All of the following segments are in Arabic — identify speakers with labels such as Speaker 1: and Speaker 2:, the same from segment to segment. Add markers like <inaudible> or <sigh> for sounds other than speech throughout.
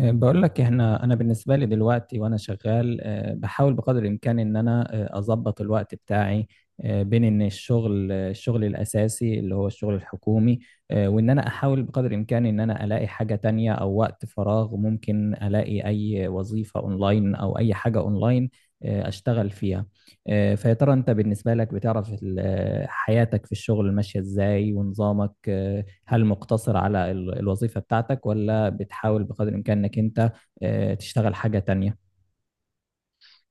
Speaker 1: بقول لك احنا بالنسبه لي دلوقتي وانا شغال، بحاول بقدر الامكان ان انا اظبط الوقت بتاعي بين ان الشغل، الشغل الاساسي اللي هو الشغل الحكومي، وان انا احاول بقدر الامكان ان انا الاقي حاجه تانية او وقت فراغ ممكن الاقي اي وظيفه اونلاين او اي حاجه اونلاين اشتغل فيها. فيا ترى انت بالنسبه لك بتعرف حياتك في الشغل ماشيه ازاي ونظامك؟ هل مقتصر على الوظيفة بتاعتك ولا بتحاول بقدر الإمكان إنك أنت تشتغل حاجة تانية؟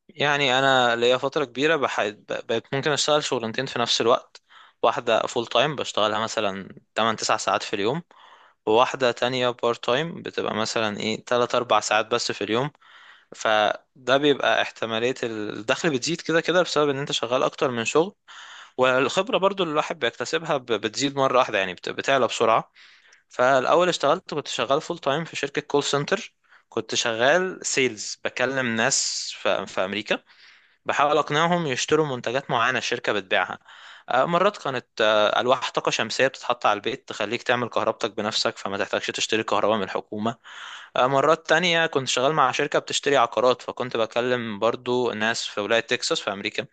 Speaker 2: يعني انا ليا فتره كبيره بقيت ممكن اشتغل شغلانتين في نفس الوقت. واحده فول تايم بشتغلها مثلا 8 9 ساعات في اليوم، وواحده تانية بارت تايم بتبقى مثلا ايه 3 4 ساعات بس في اليوم. فده بيبقى احتماليه الدخل بتزيد كده كده بسبب ان انت شغال اكتر من شغل، والخبره برضو اللي الواحد بيكتسبها بتزيد مره واحده، يعني بتعلى بسرعه. فالاول اشتغلت، كنت شغال فول تايم في شركه كول سنتر. كنت شغال سيلز، بكلم ناس في امريكا، بحاول اقنعهم يشتروا منتجات معينه الشركه بتبيعها. مرات كانت الواح طاقه شمسيه بتتحط على البيت تخليك تعمل كهربتك بنفسك فما تحتاجش تشتري كهرباء من الحكومه. مرات تانية كنت شغال مع شركه بتشتري عقارات، فكنت بكلم برضو ناس في ولايه تكساس في امريكا.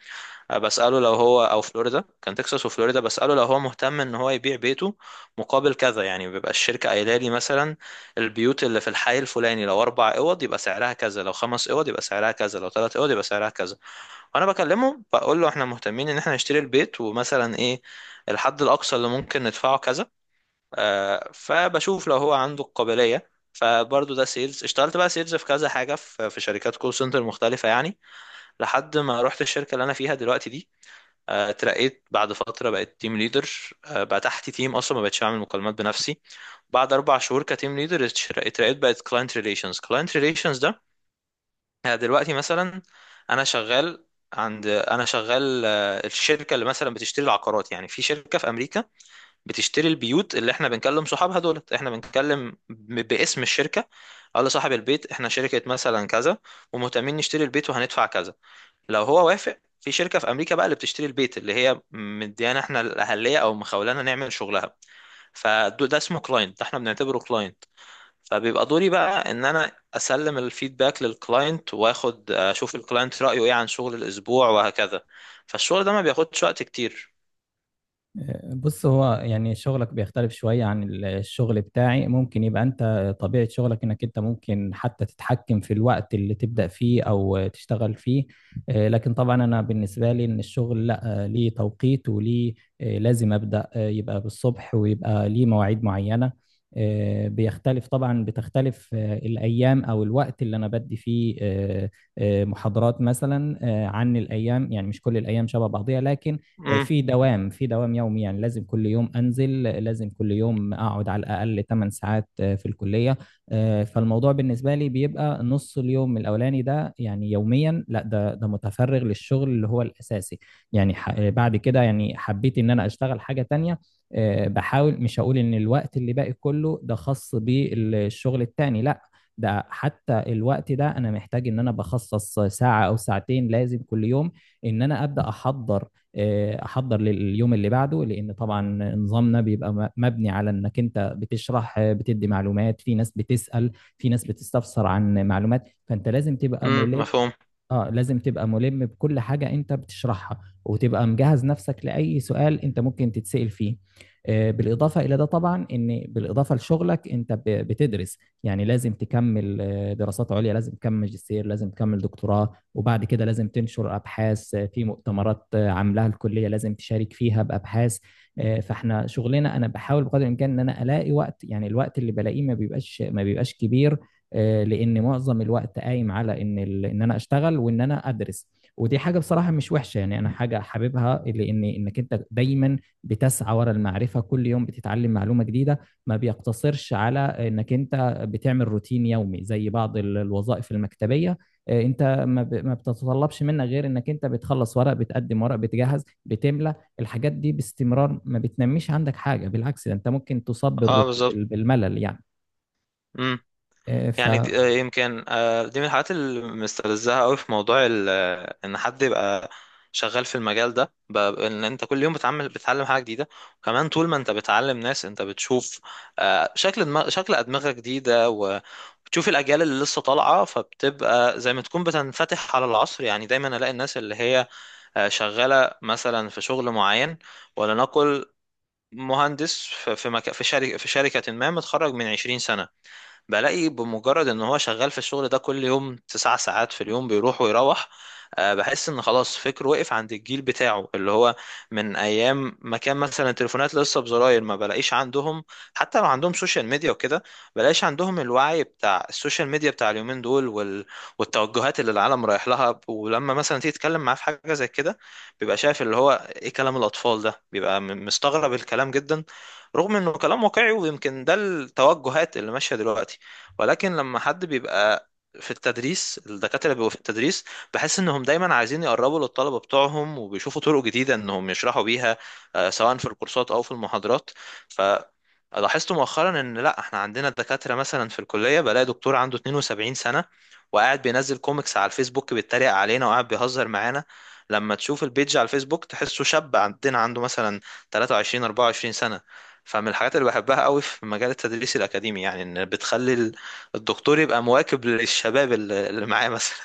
Speaker 2: بساله لو هو او فلوريدا، كان تكساس وفلوريدا، بساله لو هو مهتم ان هو يبيع بيته مقابل كذا. يعني بيبقى الشركه قايله لي مثلا البيوت اللي في الحي الفلاني، لو اربع اوض يبقى سعرها كذا، لو خمس اوض يبقى سعرها كذا، لو ثلاث اوض يبقى سعرها كذا. انا بكلمه، بقول له احنا مهتمين ان احنا نشتري البيت ومثلا ايه الحد الاقصى اللي ممكن ندفعه كذا. آه، فبشوف لو هو عنده القابليه. فبرضه ده سيلز. اشتغلت بقى سيلز في كذا حاجه في شركات كول سنتر مختلفه يعني، لحد ما رحت الشركه اللي انا فيها دلوقتي دي. اترقيت بعد فتره، بقيت تيم ليدر. آه، بقى تحت تيم، اصلا ما بقتش اعمل مكالمات بنفسي. بعد اربع شهور كتيم ليدر اترقيت، بقيت كلاينت ريليشنز. كلاينت ريليشنز يعني دلوقتي مثلا انا شغال عند، انا شغال الشركه اللي مثلا بتشتري العقارات، يعني في شركه في امريكا بتشتري البيوت، اللي احنا بنكلم صحابها دولت، احنا بنتكلم باسم الشركه. قال لصاحب البيت احنا شركه مثلا كذا، ومهتمين نشتري البيت وهندفع كذا. لو هو وافق، في شركه في امريكا بقى اللي بتشتري البيت، اللي هي مديانا احنا الاهليه او مخولانا نعمل شغلها. فده اسمه كلاينت، ده احنا بنعتبره كلاينت. فبيبقى دوري بقى ان انا اسلم الفيدباك للكلاينت، واخد اشوف الكلاينت رايه ايه عن شغل الاسبوع، وهكذا. فالشغل ده ما بياخدش وقت كتير.
Speaker 1: بص، هو يعني شغلك بيختلف شوية عن الشغل بتاعي، ممكن يبقى أنت طبيعة شغلك إنك أنت ممكن حتى تتحكم في الوقت اللي تبدأ فيه أو تشتغل فيه، لكن طبعا أنا بالنسبة لي إن الشغل لأ، ليه توقيت وليه، لازم أبدأ يبقى بالصبح ويبقى ليه مواعيد معينة. بيختلف طبعا، بتختلف الأيام أو الوقت اللي أنا بدي فيه محاضرات مثلا عن الأيام، يعني مش كل الأيام شبه بعضيها، لكن
Speaker 2: امم
Speaker 1: في دوام، في دوام يومي، يعني لازم كل يوم انزل، لازم كل يوم اقعد على الاقل 8 ساعات في الكليه. فالموضوع بالنسبه لي بيبقى نص اليوم الاولاني ده، يعني يوميا، لا، ده متفرغ للشغل اللي هو الاساسي، يعني بعد كده يعني حبيت ان انا اشتغل حاجه تانية. بحاول، مش هقول ان الوقت اللي باقي كله ده خاص بالشغل التاني، لا، ده حتى الوقت ده انا محتاج ان انا بخصص ساعة او ساعتين لازم كل يوم ان انا ابدا احضر، احضر لليوم اللي بعده، لان طبعا نظامنا بيبقى مبني على انك انت بتشرح، بتدي معلومات، في ناس بتسأل، في ناس بتستفسر عن معلومات، فانت لازم تبقى
Speaker 2: امم،
Speaker 1: ملم.
Speaker 2: مفهوم.
Speaker 1: اه، لازم تبقى ملم بكل حاجة انت بتشرحها، وتبقى مجهز نفسك لأي سؤال انت ممكن تتسأل فيه. بالإضافة إلى ده طبعا، إن بالإضافة لشغلك أنت بتدرس، يعني لازم تكمل دراسات عليا، لازم تكمل ماجستير، لازم تكمل دكتوراه، وبعد كده لازم تنشر أبحاث في مؤتمرات عاملاها الكلية، لازم تشارك فيها بأبحاث. فإحنا شغلنا، أنا بحاول بقدر الإمكان إن أنا ألاقي وقت، يعني الوقت اللي بلاقيه ما بيبقاش كبير، لان معظم الوقت قايم على ان ان انا اشتغل وان انا ادرس. ودي حاجه بصراحه مش وحشه، يعني انا حاجه حاببها، لان انك انت دايما بتسعى ورا المعرفه، كل يوم بتتعلم معلومه جديده، ما بيقتصرش على انك انت بتعمل روتين يومي زي بعض الوظائف المكتبيه. انت ما بتتطلبش منك غير انك انت بتخلص ورق، بتقدم ورق، بتجهز، بتملى الحاجات دي باستمرار، ما بتنميش عندك حاجه، بالعكس ده انت ممكن تصاب
Speaker 2: اه، بالظبط.
Speaker 1: بالملل يعني. آه، ف
Speaker 2: يعني دي يمكن، دي من الحاجات اللي مستفزها قوي في موضوع ان حد يبقى شغال في المجال ده، ان انت كل يوم بتعمل، بتتعلم حاجه جديده. وكمان طول ما انت بتعلم ناس، انت بتشوف شكل دماغ، شكل ادمغه جديده، وبتشوف الاجيال اللي لسه طالعه، فبتبقى زي ما تكون بتنفتح على العصر. يعني دايما الاقي الناس اللي هي شغاله مثلا في شغل معين، ولنقل مهندس في شركه ما، متخرج من 20 سنه، بلاقي بمجرد ان هو شغال في الشغل ده كل يوم تسع ساعات في اليوم، بيروح ويروح. بحس ان خلاص فكره وقف عند الجيل بتاعه، اللي هو من ايام ما كان مثلا التليفونات لسه بزراير. ما بلاقيش عندهم، حتى لو عندهم سوشيال ميديا وكده، بلاقيش عندهم الوعي بتاع السوشيال ميديا بتاع اليومين دول، والتوجهات اللي العالم رايح لها. ولما مثلا تيجي تتكلم معاه في حاجة زي كده، بيبقى شايف اللي هو ايه كلام الاطفال ده، بيبقى مستغرب الكلام جدا، رغم انه كلام واقعي ويمكن ده التوجهات اللي ماشية دلوقتي. ولكن لما حد بيبقى في التدريس، الدكاترة بيبقوا في التدريس، بحس انهم دايما عايزين يقربوا للطلبة بتوعهم، وبيشوفوا طرق جديدة انهم يشرحوا بيها، سواء في الكورسات او في المحاضرات. ف، لاحظت مؤخرا ان لا، احنا عندنا دكاترة مثلا في الكلية، بلاقي دكتور عنده 72 سنة وقاعد بينزل كوميكس على الفيسبوك، بيتريق علينا وقاعد بيهزر معانا. لما تشوف البيج على الفيسبوك تحسه شاب عندنا عنده مثلا 23 24 سنة. فمن الحاجات اللي بحبها قوي في مجال التدريس الأكاديمي، يعني ان بتخلي الدكتور يبقى مواكب للشباب اللي معاه مثلا.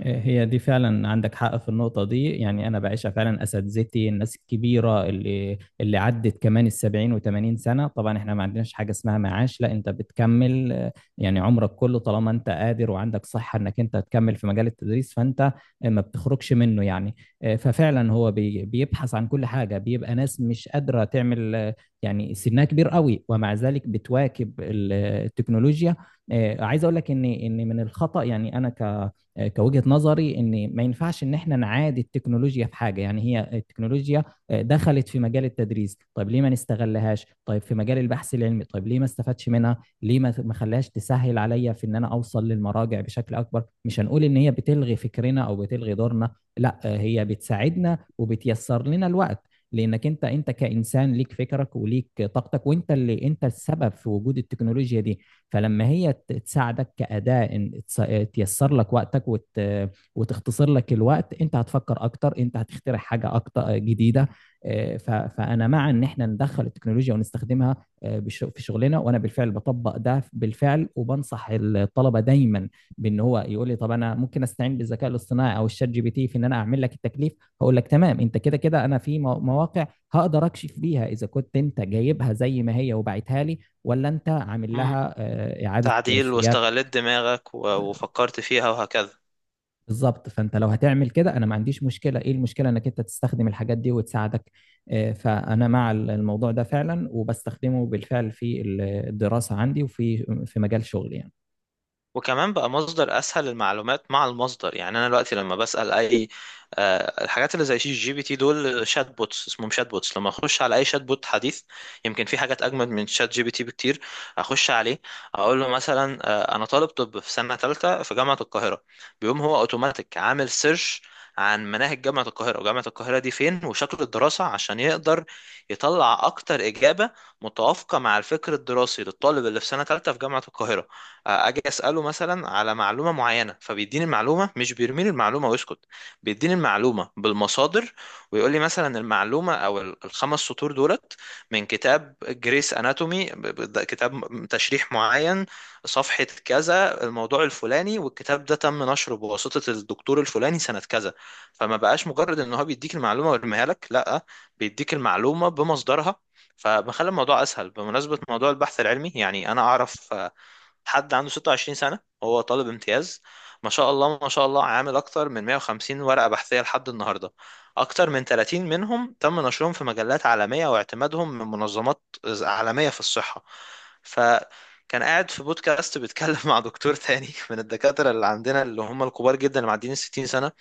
Speaker 1: هي دي فعلا عندك حق في النقطة دي، يعني أنا بعيشها فعلا. أساتذتي الناس الكبيرة اللي عدت كمان السبعين وثمانين سنة، طبعا إحنا ما عندناش حاجة اسمها معاش، لا أنت بتكمل، يعني عمرك كله، طالما أنت قادر وعندك صحة إنك أنت تكمل في مجال التدريس، فأنت ما بتخرجش منه يعني. ففعلا هو بيبحث عن كل حاجة، بيبقى ناس مش قادرة تعمل، يعني سنها كبير قوي، ومع ذلك بتواكب التكنولوجيا. عايز أقول لك إن من الخطأ، يعني أنا ك آه، كوجهة نظري ان ما ينفعش ان احنا نعادي التكنولوجيا في حاجة. يعني هي التكنولوجيا دخلت في مجال التدريس، طيب ليه ما نستغلهاش؟ طيب في مجال البحث العلمي، طيب ليه ما استفادش منها؟ ليه ما خلاش تسهل عليا في ان انا اوصل للمراجع بشكل اكبر؟ مش هنقول ان هي بتلغي فكرنا او بتلغي دورنا، لا، هي بتساعدنا وبتيسر لنا الوقت، لانك انت كانسان ليك فكرك وليك طاقتك، وانت اللي انت السبب في وجود التكنولوجيا دي. فلما هي تساعدك كأداة إن تيسر لك وقتك وتختصر لك الوقت، أنت هتفكر أكتر، أنت هتخترع حاجة أكتر جديدة. فأنا مع إن إحنا ندخل التكنولوجيا ونستخدمها في شغلنا، وأنا بالفعل بطبق ده بالفعل، وبنصح الطلبة دايما بإن هو يقول لي طب أنا ممكن أستعين بالذكاء الاصطناعي أو الشات جي بي تي في إن أنا أعمل لك التكليف، هقول لك تمام، أنت كده كده أنا في مواقع هقدر اكشف بيها اذا كنت انت جايبها زي ما هي وبعتها لي، ولا انت عامل
Speaker 2: مم.
Speaker 1: لها اعاده
Speaker 2: تعديل،
Speaker 1: صياغه.
Speaker 2: واستغلت دماغك
Speaker 1: آه،
Speaker 2: وفكرت فيها وهكذا.
Speaker 1: بالظبط، فانت لو هتعمل كده انا ما عنديش مشكله. ايه المشكله انك انت تستخدم الحاجات دي وتساعدك؟ فانا مع الموضوع ده فعلا، وبستخدمه بالفعل في الدراسه عندي وفي مجال شغلي يعني.
Speaker 2: وكمان بقى مصدر اسهل للمعلومات مع المصدر. يعني انا دلوقتي لما بسال اي الحاجات اللي زي شات جي بي تي دول، شات بوتس اسمهم، شات بوتس، لما اخش على اي شات بوت حديث، يمكن في حاجات اجمد من شات جي بي تي بكتير، اخش عليه اقول له مثلا انا طالب طب في سنه ثالثه في جامعه القاهره، بيقوم هو اوتوماتيك عامل سيرش عن مناهج جامعة القاهرة، وجامعة القاهرة دي فين، وشكل الدراسة، عشان يقدر يطلع أكتر إجابة متوافقة مع الفكر الدراسي للطالب اللي في سنة ثالثة في جامعة القاهرة. اجي اساله مثلا على معلومه معينه، فبيديني المعلومه، مش بيرميني المعلومه ويسكت، بيديني المعلومه بالمصادر، ويقول لي مثلا المعلومه او الخمس سطور دولت من كتاب جريس اناتومي، كتاب تشريح معين، صفحه كذا، الموضوع الفلاني، والكتاب ده تم نشره بواسطه الدكتور الفلاني سنه كذا. فما بقاش مجرد ان هو بيديك المعلومه ويرميها لك، لا، بيديك المعلومه بمصدرها، فبخلي الموضوع اسهل. بمناسبه موضوع البحث العلمي، يعني انا اعرف حد عنده 26 سنة، هو طالب امتياز، ما شاء الله ما شاء الله، عامل أكتر من 150 ورقة بحثية لحد النهاردة، أكتر من 30 منهم تم نشرهم في مجلات عالمية واعتمادهم من منظمات عالمية في الصحة. فكان قاعد في بودكاست بيتكلم <laughs> مع دكتور تاني من الدكاترة اللي عندنا، اللي هم الكبار جدا اللي معديين ال 60 سنة.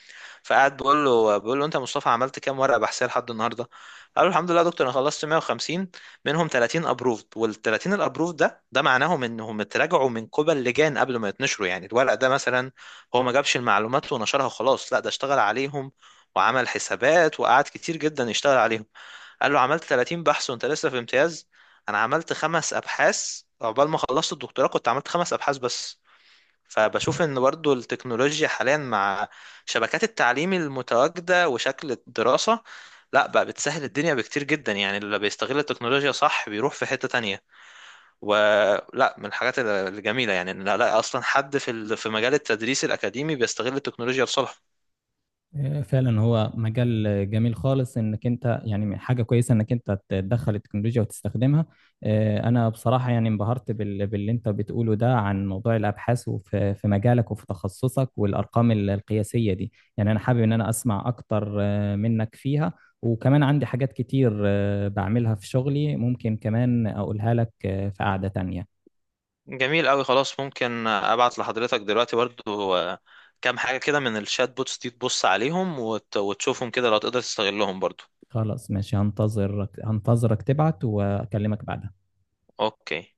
Speaker 2: فقعد بقول له، انت يا مصطفى عملت كام ورقه بحثيه لحد النهارده؟ قال له الحمد لله يا دكتور، انا خلصت 150، منهم 30 ابروفد. وال 30 الابروفد ده معناهم انهم اتراجعوا من قبل لجان قبل ما يتنشروا. يعني الورق ده مثلا هو ما جابش المعلومات ونشرها وخلاص، لا، ده اشتغل عليهم وعمل حسابات وقعد كتير جدا يشتغل عليهم. قال له عملت 30 بحث وانت لسه في امتياز، انا عملت خمس ابحاث. عقبال ما خلصت الدكتوراه كنت عملت خمس ابحاث بس.
Speaker 1: آه.
Speaker 2: فبشوف ان برضو التكنولوجيا حاليا مع شبكات التعليم المتواجدة وشكل الدراسة، لا بقى بتسهل الدنيا بكتير جدا. يعني اللي بيستغل التكنولوجيا صح بيروح في حتة تانية. ولا من الحاجات الجميلة يعني ان لا لا، اصلا حد في مجال التدريس الأكاديمي بيستغل التكنولوجيا لصالحه.
Speaker 1: فعلا هو مجال جميل خالص، انك انت يعني حاجه كويسه انك انت تدخل التكنولوجيا وتستخدمها. انا بصراحه يعني انبهرت باللي انت بتقوله ده عن موضوع الابحاث وفي مجالك وفي تخصصك والارقام القياسيه دي، يعني انا حابب ان انا اسمع اكتر منك فيها. وكمان عندي حاجات كتير بعملها في شغلي ممكن كمان اقولها لك في قعده تانية.
Speaker 2: جميل قوي، خلاص ممكن ابعت لحضرتك دلوقتي برضو، كام حاجة كده من الشات بوتس دي، تبص عليهم وتشوفهم كده لو تقدر تستغلهم برضو.
Speaker 1: خلاص ماشي، هنتظرك تبعت واكلمك بعدها.
Speaker 2: اوكي.